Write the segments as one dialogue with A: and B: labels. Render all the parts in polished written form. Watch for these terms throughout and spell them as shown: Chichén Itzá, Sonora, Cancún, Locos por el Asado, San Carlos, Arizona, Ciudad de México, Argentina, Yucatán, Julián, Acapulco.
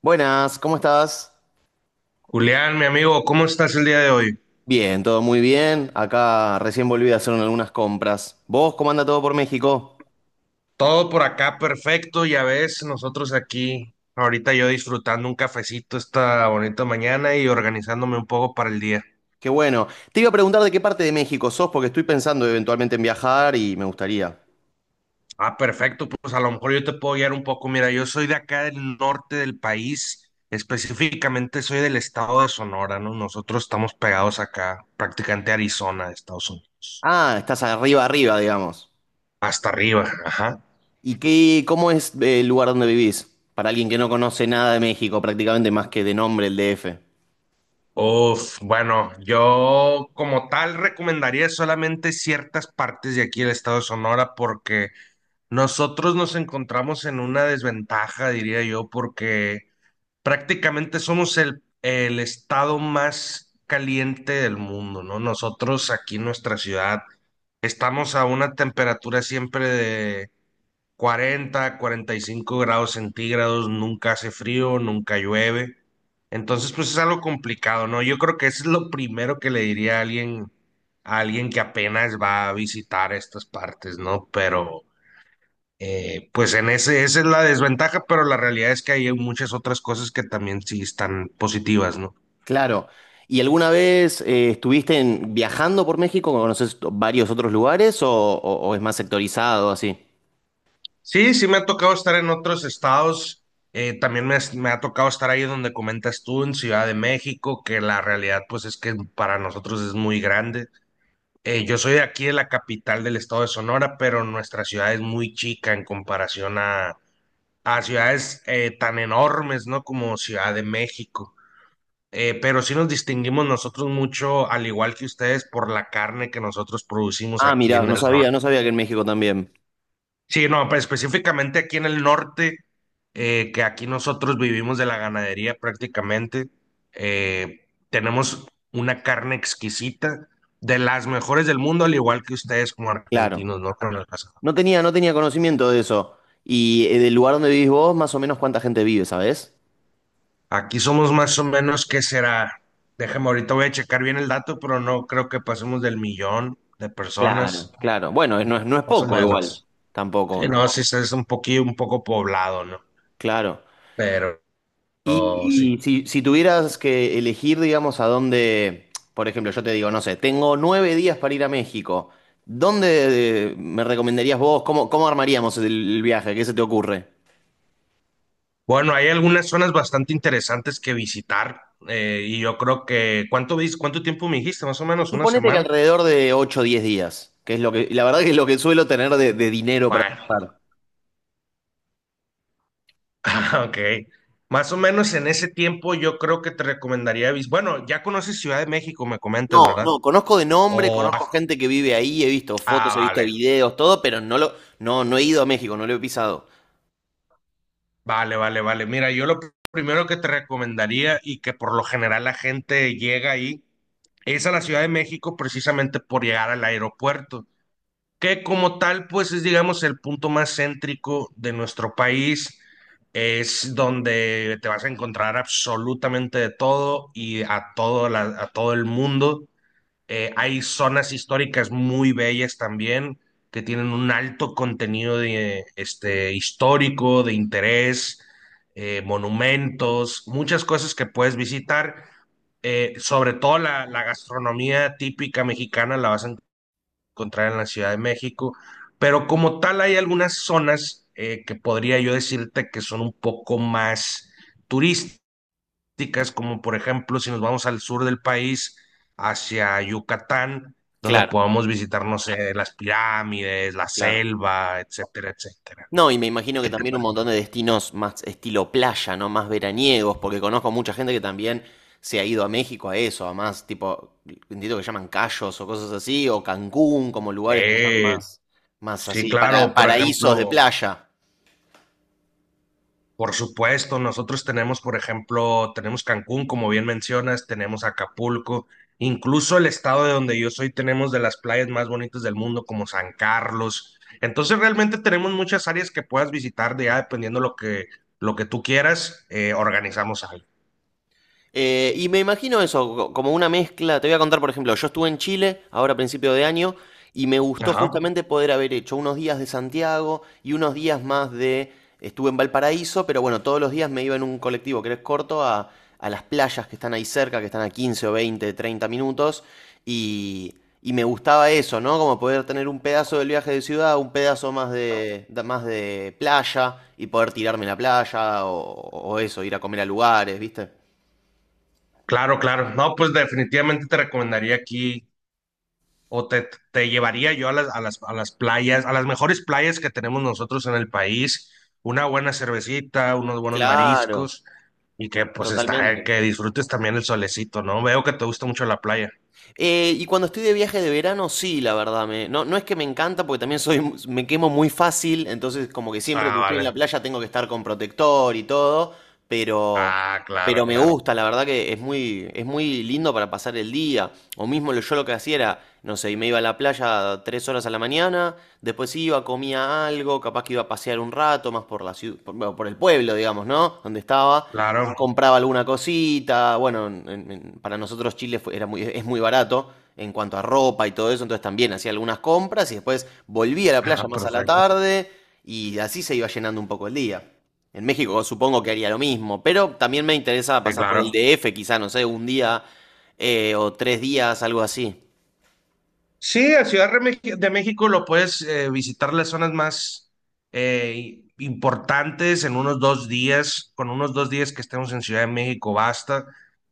A: Buenas, ¿cómo estás?
B: Julián, mi amigo, ¿cómo estás el día de hoy?
A: Bien, todo muy bien. Acá recién volví a hacer algunas compras. ¿Vos cómo anda todo por México?
B: Todo por acá perfecto, ya ves, nosotros aquí, ahorita yo disfrutando un cafecito esta bonita mañana y organizándome un poco para el día.
A: Qué bueno. Te iba a preguntar de qué parte de México sos, porque estoy pensando eventualmente en viajar y me gustaría.
B: Ah, perfecto, pues a lo mejor yo te puedo guiar un poco. Mira, yo soy de acá del norte del país, específicamente soy del estado de Sonora, ¿no? Nosotros estamos pegados acá, prácticamente a Arizona, Estados Unidos,
A: Ah, estás arriba, arriba, digamos.
B: hasta arriba, ajá.
A: ¿Y qué, cómo es el lugar donde vivís? Para alguien que no conoce nada de México, prácticamente más que de nombre el DF.
B: Uf, bueno, yo como tal recomendaría solamente ciertas partes de aquí del estado de Sonora porque nosotros nos encontramos en una desventaja, diría yo, porque prácticamente somos el estado más caliente del mundo, ¿no? Nosotros aquí en nuestra ciudad estamos a una temperatura siempre de 40, 45 grados centígrados, nunca hace frío, nunca llueve. Entonces, pues es algo complicado, ¿no? Yo creo que eso es lo primero que le diría a alguien que apenas va a visitar estas partes, ¿no? Pero, pues en esa es la desventaja, pero la realidad es que hay muchas otras cosas que también sí están positivas, ¿no?
A: Claro. ¿Y alguna vez viajando por México? ¿Conoces varios otros lugares o es más sectorizado así?
B: Sí, sí me ha tocado estar en otros estados. También me ha tocado estar ahí donde comentas tú, en Ciudad de México, que la realidad pues es que para nosotros es muy grande. Yo soy de aquí de la capital del estado de Sonora, pero nuestra ciudad es muy chica en comparación a ciudades tan enormes, ¿no? Como Ciudad de México. Pero sí nos distinguimos nosotros mucho, al igual que ustedes, por la carne que nosotros producimos
A: Ah,
B: aquí
A: mira,
B: en
A: no
B: el
A: sabía,
B: norte.
A: no sabía que en México también.
B: Sí, no, pues, específicamente aquí en el norte, que aquí nosotros vivimos de la ganadería prácticamente, tenemos una carne exquisita, de las mejores del mundo, al igual que ustedes como
A: Claro.
B: argentinos, ¿no? ¿Carnal?
A: No tenía conocimiento de eso. Y del lugar donde vivís vos, más o menos cuánta gente vive, ¿sabés?
B: Aquí somos más o menos, ¿qué será? Déjame, ahorita voy a checar bien el dato, pero no creo que pasemos del millón de
A: Claro,
B: personas,
A: claro. Bueno, no es
B: más o
A: poco igual,
B: menos.
A: tampoco.
B: Sí, no, sí, es un poquillo, un poco poblado, ¿no?
A: Claro.
B: Pero
A: Y,
B: sí.
A: y si tuvieras que elegir, digamos, a dónde, por ejemplo, yo te digo, no sé, tengo 9 días para ir a México. ¿Dónde me recomendarías vos? ¿Cómo armaríamos el viaje? ¿Qué se te ocurre?
B: Bueno, hay algunas zonas bastante interesantes que visitar y yo creo que, ¿cuánto tiempo me dijiste? Más o menos una
A: Suponete que
B: semana.
A: alrededor de 8, o 10 días, que es lo que, la verdad que es lo que suelo tener de dinero para
B: Bueno,
A: gastar.
B: ok. Más o menos en ese tiempo yo creo que te recomendaría, bueno, ya conoces Ciudad de México, me comentas,
A: No,
B: ¿verdad?
A: no, conozco de nombre,
B: O,
A: conozco
B: ah,
A: gente que vive ahí, he visto
B: ah,
A: fotos, he visto
B: vale,
A: videos, todo, pero no, no he ido a México, no lo he pisado.
B: vale, vale, vale. Mira, yo lo primero que te recomendaría y que por lo general la gente llega ahí es a la Ciudad de México precisamente por llegar al aeropuerto. Que como tal, pues es, digamos, el punto más céntrico de nuestro país. Es donde te vas a encontrar absolutamente de todo y a todo, a todo el mundo. Hay zonas históricas muy bellas también, que tienen un alto contenido de, histórico, de interés, monumentos, muchas cosas que puedes visitar. Sobre todo la gastronomía típica mexicana la vas a encontrar en la Ciudad de México, pero como tal hay algunas zonas que podría yo decirte que son un poco más turísticas, como por ejemplo si nos vamos al sur del país, hacia Yucatán, donde
A: Claro,
B: podamos visitar, no sé, las pirámides, la
A: claro.
B: selva, etcétera, etcétera.
A: No, y me imagino que
B: ¿Qué te
A: también un montón
B: parece?
A: de destinos más estilo playa, ¿no? Más veraniegos, porque conozco mucha gente que también se ha ido a México a eso, a más tipo, entiendo que llaman Cayos o cosas así, o Cancún, como lugares que son
B: Eh,
A: más, más
B: sí,
A: así,
B: claro, por
A: paraísos de
B: ejemplo.
A: playa.
B: Por supuesto, nosotros tenemos, por ejemplo, tenemos Cancún, como bien mencionas, tenemos Acapulco, incluso el estado de donde yo soy, tenemos de las playas más bonitas del mundo, como San Carlos. Entonces, realmente tenemos muchas áreas que puedas visitar, de ya dependiendo lo que, tú quieras, organizamos algo.
A: Y me imagino eso, como una mezcla. Te voy a contar, por ejemplo, yo estuve en Chile ahora a principio de año y me gustó
B: Ajá.
A: justamente poder haber hecho unos días de Santiago y unos días más de... Estuve en Valparaíso, pero bueno, todos los días me iba en un colectivo que es corto a las playas que están ahí cerca, que están a 15 o 20 30 minutos. Y, y me gustaba eso, ¿no? Como poder tener un pedazo del viaje de ciudad, un pedazo más más de playa y poder tirarme en la playa o eso, ir a comer a lugares, ¿viste?
B: Claro, claro. No, pues definitivamente te recomendaría aquí o te llevaría yo a a las playas, a las mejores playas que tenemos nosotros en el país, una buena cervecita, unos buenos
A: Claro,
B: mariscos y que pues está,
A: totalmente.
B: que disfrutes también el solecito, ¿no? Veo que te gusta mucho la playa.
A: Y cuando estoy de viaje de verano, sí, la verdad, no, no es que me encanta, porque también soy, me quemo muy fácil, entonces como que siempre
B: Ah,
A: que estoy en la
B: vale.
A: playa tengo que estar con protector y todo, pero,
B: Ah, claro,
A: pero me
B: claro.
A: gusta, la verdad que es muy lindo para pasar el día. O mismo yo lo que hacía era, no sé, y me iba a la playa 3 horas a la mañana, después iba, comía algo, capaz que iba a pasear un rato más por la ciudad, por, bueno, por el pueblo, digamos, ¿no? Donde estaba.
B: Claro.
A: Compraba alguna cosita. Bueno, para nosotros Chile es muy barato en cuanto a ropa y todo eso, entonces también hacía algunas compras y después volvía a la
B: Ah,
A: playa más a la
B: perfecto.
A: tarde y así se iba llenando un poco el día. En México supongo que haría lo mismo, pero también me interesa
B: Sí,
A: pasar por el
B: claro.
A: DF, quizá, no sé, un día o 3 días, algo así,
B: Sí, a Ciudad de México lo puedes visitar las zonas más importantes en unos 2 días. Con unos dos días que estemos en Ciudad de México basta.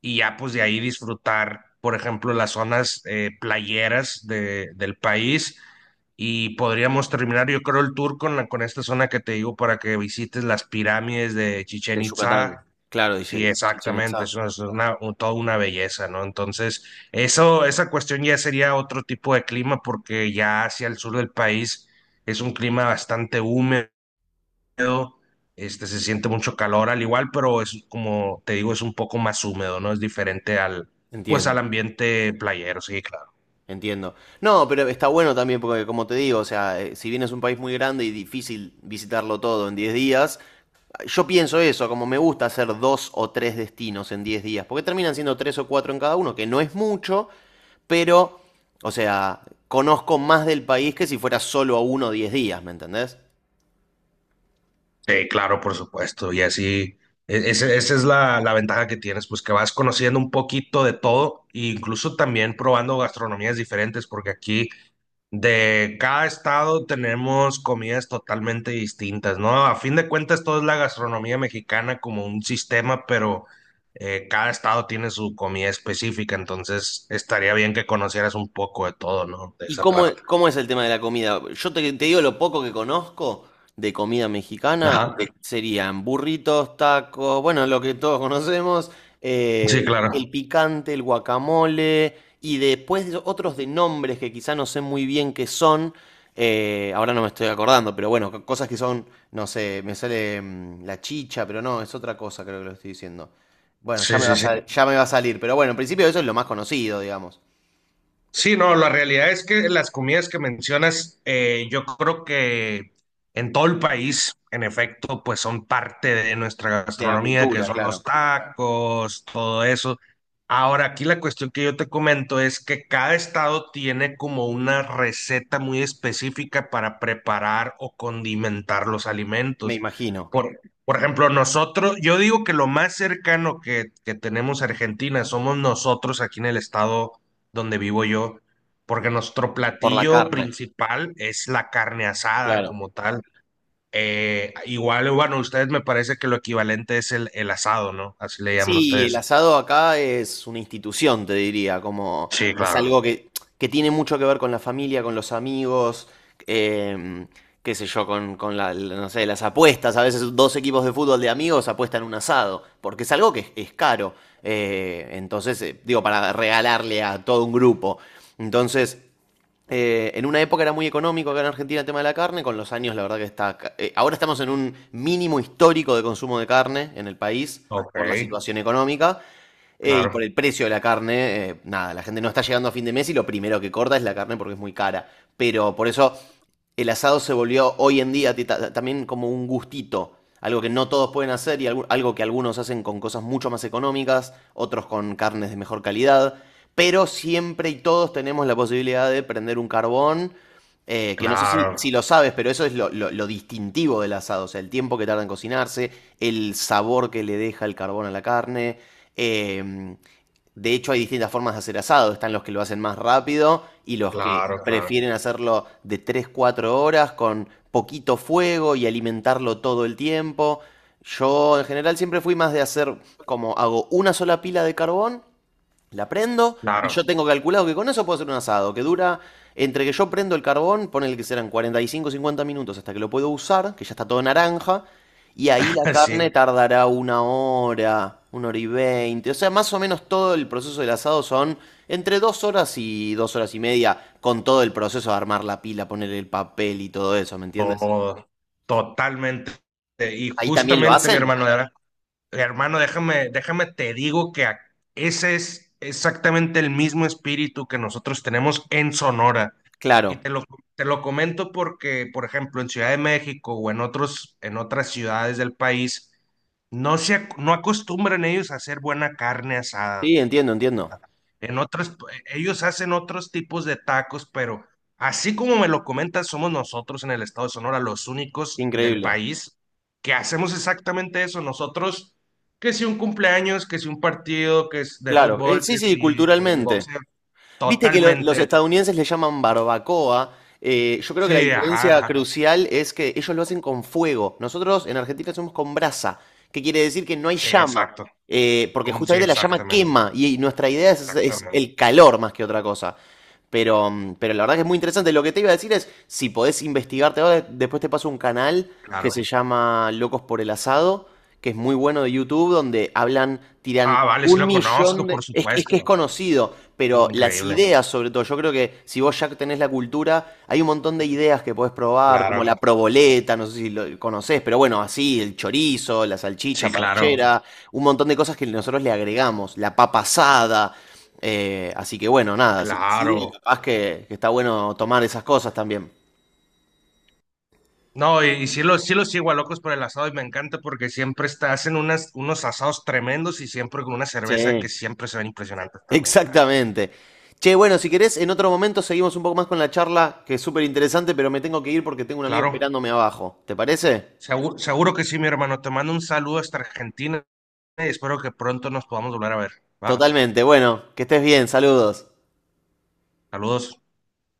B: Y ya pues de ahí disfrutar, por ejemplo, las zonas playeras del país. Y podríamos terminar, yo creo, el tour con esta zona que te digo para que visites las pirámides de
A: de
B: Chichén
A: Yucatán.
B: Itzá.
A: Claro,
B: Sí,
A: dice Chichén
B: exactamente,
A: Itzá.
B: es una, toda una belleza, ¿no? Entonces, eso, esa cuestión ya sería otro tipo de clima, porque ya hacia el sur del país es un clima bastante húmedo, se siente mucho calor al igual, pero es como te digo, es un poco más húmedo, ¿no? Es diferente al, pues al
A: Entiendo.
B: ambiente playero, sí.
A: Entiendo. No, pero está bueno también porque, como te digo, o sea, si bien es un país muy grande y difícil visitarlo todo en 10 días, yo pienso eso, como me gusta hacer dos o tres destinos en 10 días, porque terminan siendo tres o cuatro en cada uno, que no es mucho, pero, o sea, conozco más del país que si fuera solo a uno 10 días, ¿me entendés?
B: Sí, claro, por supuesto. Y así, esa es la ventaja que tienes, pues que vas conociendo un poquito de todo, e incluso también probando gastronomías diferentes, porque aquí de cada estado tenemos comidas totalmente distintas, ¿no? A fin de cuentas, todo es la gastronomía mexicana como un sistema, pero cada estado tiene su comida específica, entonces estaría bien que conocieras un poco de todo, ¿no? De
A: ¿Y
B: esa
A: cómo,
B: parte.
A: cómo es el tema de la comida? Yo te digo lo poco que conozco de comida mexicana,
B: Ajá. Sí.
A: serían burritos, tacos, bueno, lo que todos conocemos,
B: Sí, claro.
A: el picante, el guacamole, y después de otros de nombres que quizá no sé muy bien qué son, ahora no me estoy acordando, pero bueno, cosas que son, no sé, me sale la chicha, pero no, es otra cosa creo que lo estoy diciendo. Bueno,
B: Sí, sí, sí.
A: ya me va a salir, pero bueno, en principio eso es lo más conocido, digamos,
B: Sí, no, la realidad es que las comidas que mencionas, yo creo que en todo el país, en efecto, pues son parte de nuestra
A: de la
B: gastronomía, que
A: cultura,
B: son los
A: claro.
B: tacos, todo eso. Ahora, aquí la cuestión que yo te comento es que cada estado tiene como una receta muy específica para preparar o condimentar los
A: Me
B: alimentos.
A: imagino,
B: Por ejemplo, nosotros, yo digo que lo más cercano que tenemos a Argentina somos nosotros aquí en el estado donde vivo yo, porque nuestro
A: por la
B: platillo
A: carne.
B: principal es la carne asada
A: Claro.
B: como tal. Igual, bueno, ustedes me parece que lo equivalente es el asado, ¿no? Así le llaman
A: Sí, el
B: ustedes.
A: asado acá es una institución, te diría, como
B: Sí,
A: es
B: claro.
A: algo que tiene mucho que ver con la familia, con los amigos, em, qué sé yo, con no sé, las apuestas. A veces dos equipos de fútbol de amigos apuestan un asado, porque es algo que es caro. Entonces, digo, para regalarle a todo un grupo. Entonces, en una época era muy económico acá en Argentina el tema de la carne, con los años la verdad que está... Ahora estamos en un mínimo histórico de consumo de carne en el país
B: Ok,
A: por la situación económica, y por
B: claro,
A: el precio de la carne, nada, la gente no está llegando a fin de mes y lo primero que corta es la carne porque es muy cara. Pero por eso el asado se volvió hoy en día también como un gustito, algo que no todos pueden hacer y algo que algunos hacen con cosas mucho más económicas, otros con carnes de mejor calidad. Pero siempre y todos tenemos la posibilidad de prender un carbón, que no sé si,
B: claro,
A: si lo sabes, pero eso es lo distintivo del asado, o sea, el tiempo que tarda en cocinarse, el sabor que le deja el carbón a la carne, eh, de hecho, hay distintas formas de hacer asado. Están los que lo hacen más rápido y los que
B: claro, claro,
A: prefieren hacerlo de tres 4 horas con poquito fuego y alimentarlo todo el tiempo. Yo en general siempre fui más de hacer como hago una sola pila de carbón, la prendo y
B: claro.
A: yo tengo calculado que con eso puedo hacer un asado que dura entre que yo prendo el carbón, ponele que serán 45 50 minutos hasta que lo puedo usar, que ya está todo naranja, y ahí la
B: Sí,
A: carne tardará una hora y veinte. O sea, más o menos todo el proceso del asado son entre 2 horas y 2 horas y media, con todo el proceso de armar la pila, poner el papel y todo eso, ¿me entiendes?
B: todo, totalmente. Y
A: ¿Ahí también lo
B: justamente, mi
A: hacen?
B: hermano, déjame, déjame, te digo que ese es exactamente el mismo espíritu que nosotros tenemos en Sonora. Y
A: Claro.
B: te lo comento porque, por ejemplo, en Ciudad de México o en otras ciudades del país, no se, no acostumbran ellos a hacer buena carne asada.
A: Sí, entiendo, entiendo.
B: En otras, ellos hacen otros tipos de tacos, pero así como me lo comentas, somos nosotros en el estado de Sonora los únicos del
A: Increíble.
B: país que hacemos exactamente eso. Nosotros, que si un cumpleaños, que si un partido, que es de
A: Claro,
B: fútbol,
A: sí,
B: que
A: sí,
B: si el
A: culturalmente.
B: boxeo,
A: Viste que los
B: totalmente.
A: estadounidenses le llaman barbacoa. Yo creo que la
B: Sí, ajá,
A: diferencia
B: ajá,
A: crucial es que ellos lo hacen con fuego. Nosotros en Argentina hacemos con brasa, que quiere decir que no hay
B: sí,
A: llama,
B: exacto.
A: porque
B: Como sí,
A: justamente la llama
B: exactamente,
A: quema y nuestra idea es
B: exactamente.
A: el calor más que otra cosa. Pero la verdad que es muy interesante. Lo que te iba a decir es, si podés investigarte ahora, después te paso un canal
B: Ah, claro.
A: que se
B: Bueno,
A: llama Locos por el Asado, que es muy bueno de YouTube, donde hablan, tiran
B: ah, vale, sí
A: un
B: lo
A: millón
B: conozco,
A: de...
B: por
A: Es que es
B: supuesto.
A: conocido, pero las
B: Increíble.
A: ideas sobre todo, yo creo que si vos ya tenés la cultura, hay un montón de ideas que podés probar, como
B: Claro,
A: la proboleta, no sé si lo conocés, pero bueno, así, el chorizo, la salchicha
B: sí, claro,
A: parchera, un montón de cosas que nosotros le agregamos, la papa asada. Así que bueno, nada, si te sirve,
B: claro.
A: capaz que está bueno tomar esas cosas también.
B: No, y sí lo sigo a Locos por el Asado y me encanta porque siempre está, hacen unos asados tremendos y siempre con una cerveza que
A: Sí.
B: siempre se ven impresionantes también, claro.
A: Exactamente. Che, bueno, si querés, en otro momento seguimos un poco más con la charla, que es súper interesante, pero me tengo que ir porque tengo un amigo
B: Claro,
A: esperándome abajo. ¿Te parece?
B: seguro, que sí, mi hermano. Te mando un saludo hasta Argentina y espero que pronto nos podamos volver a ver. ¿Va?
A: Totalmente. Bueno, que estés bien. Saludos.
B: Saludos.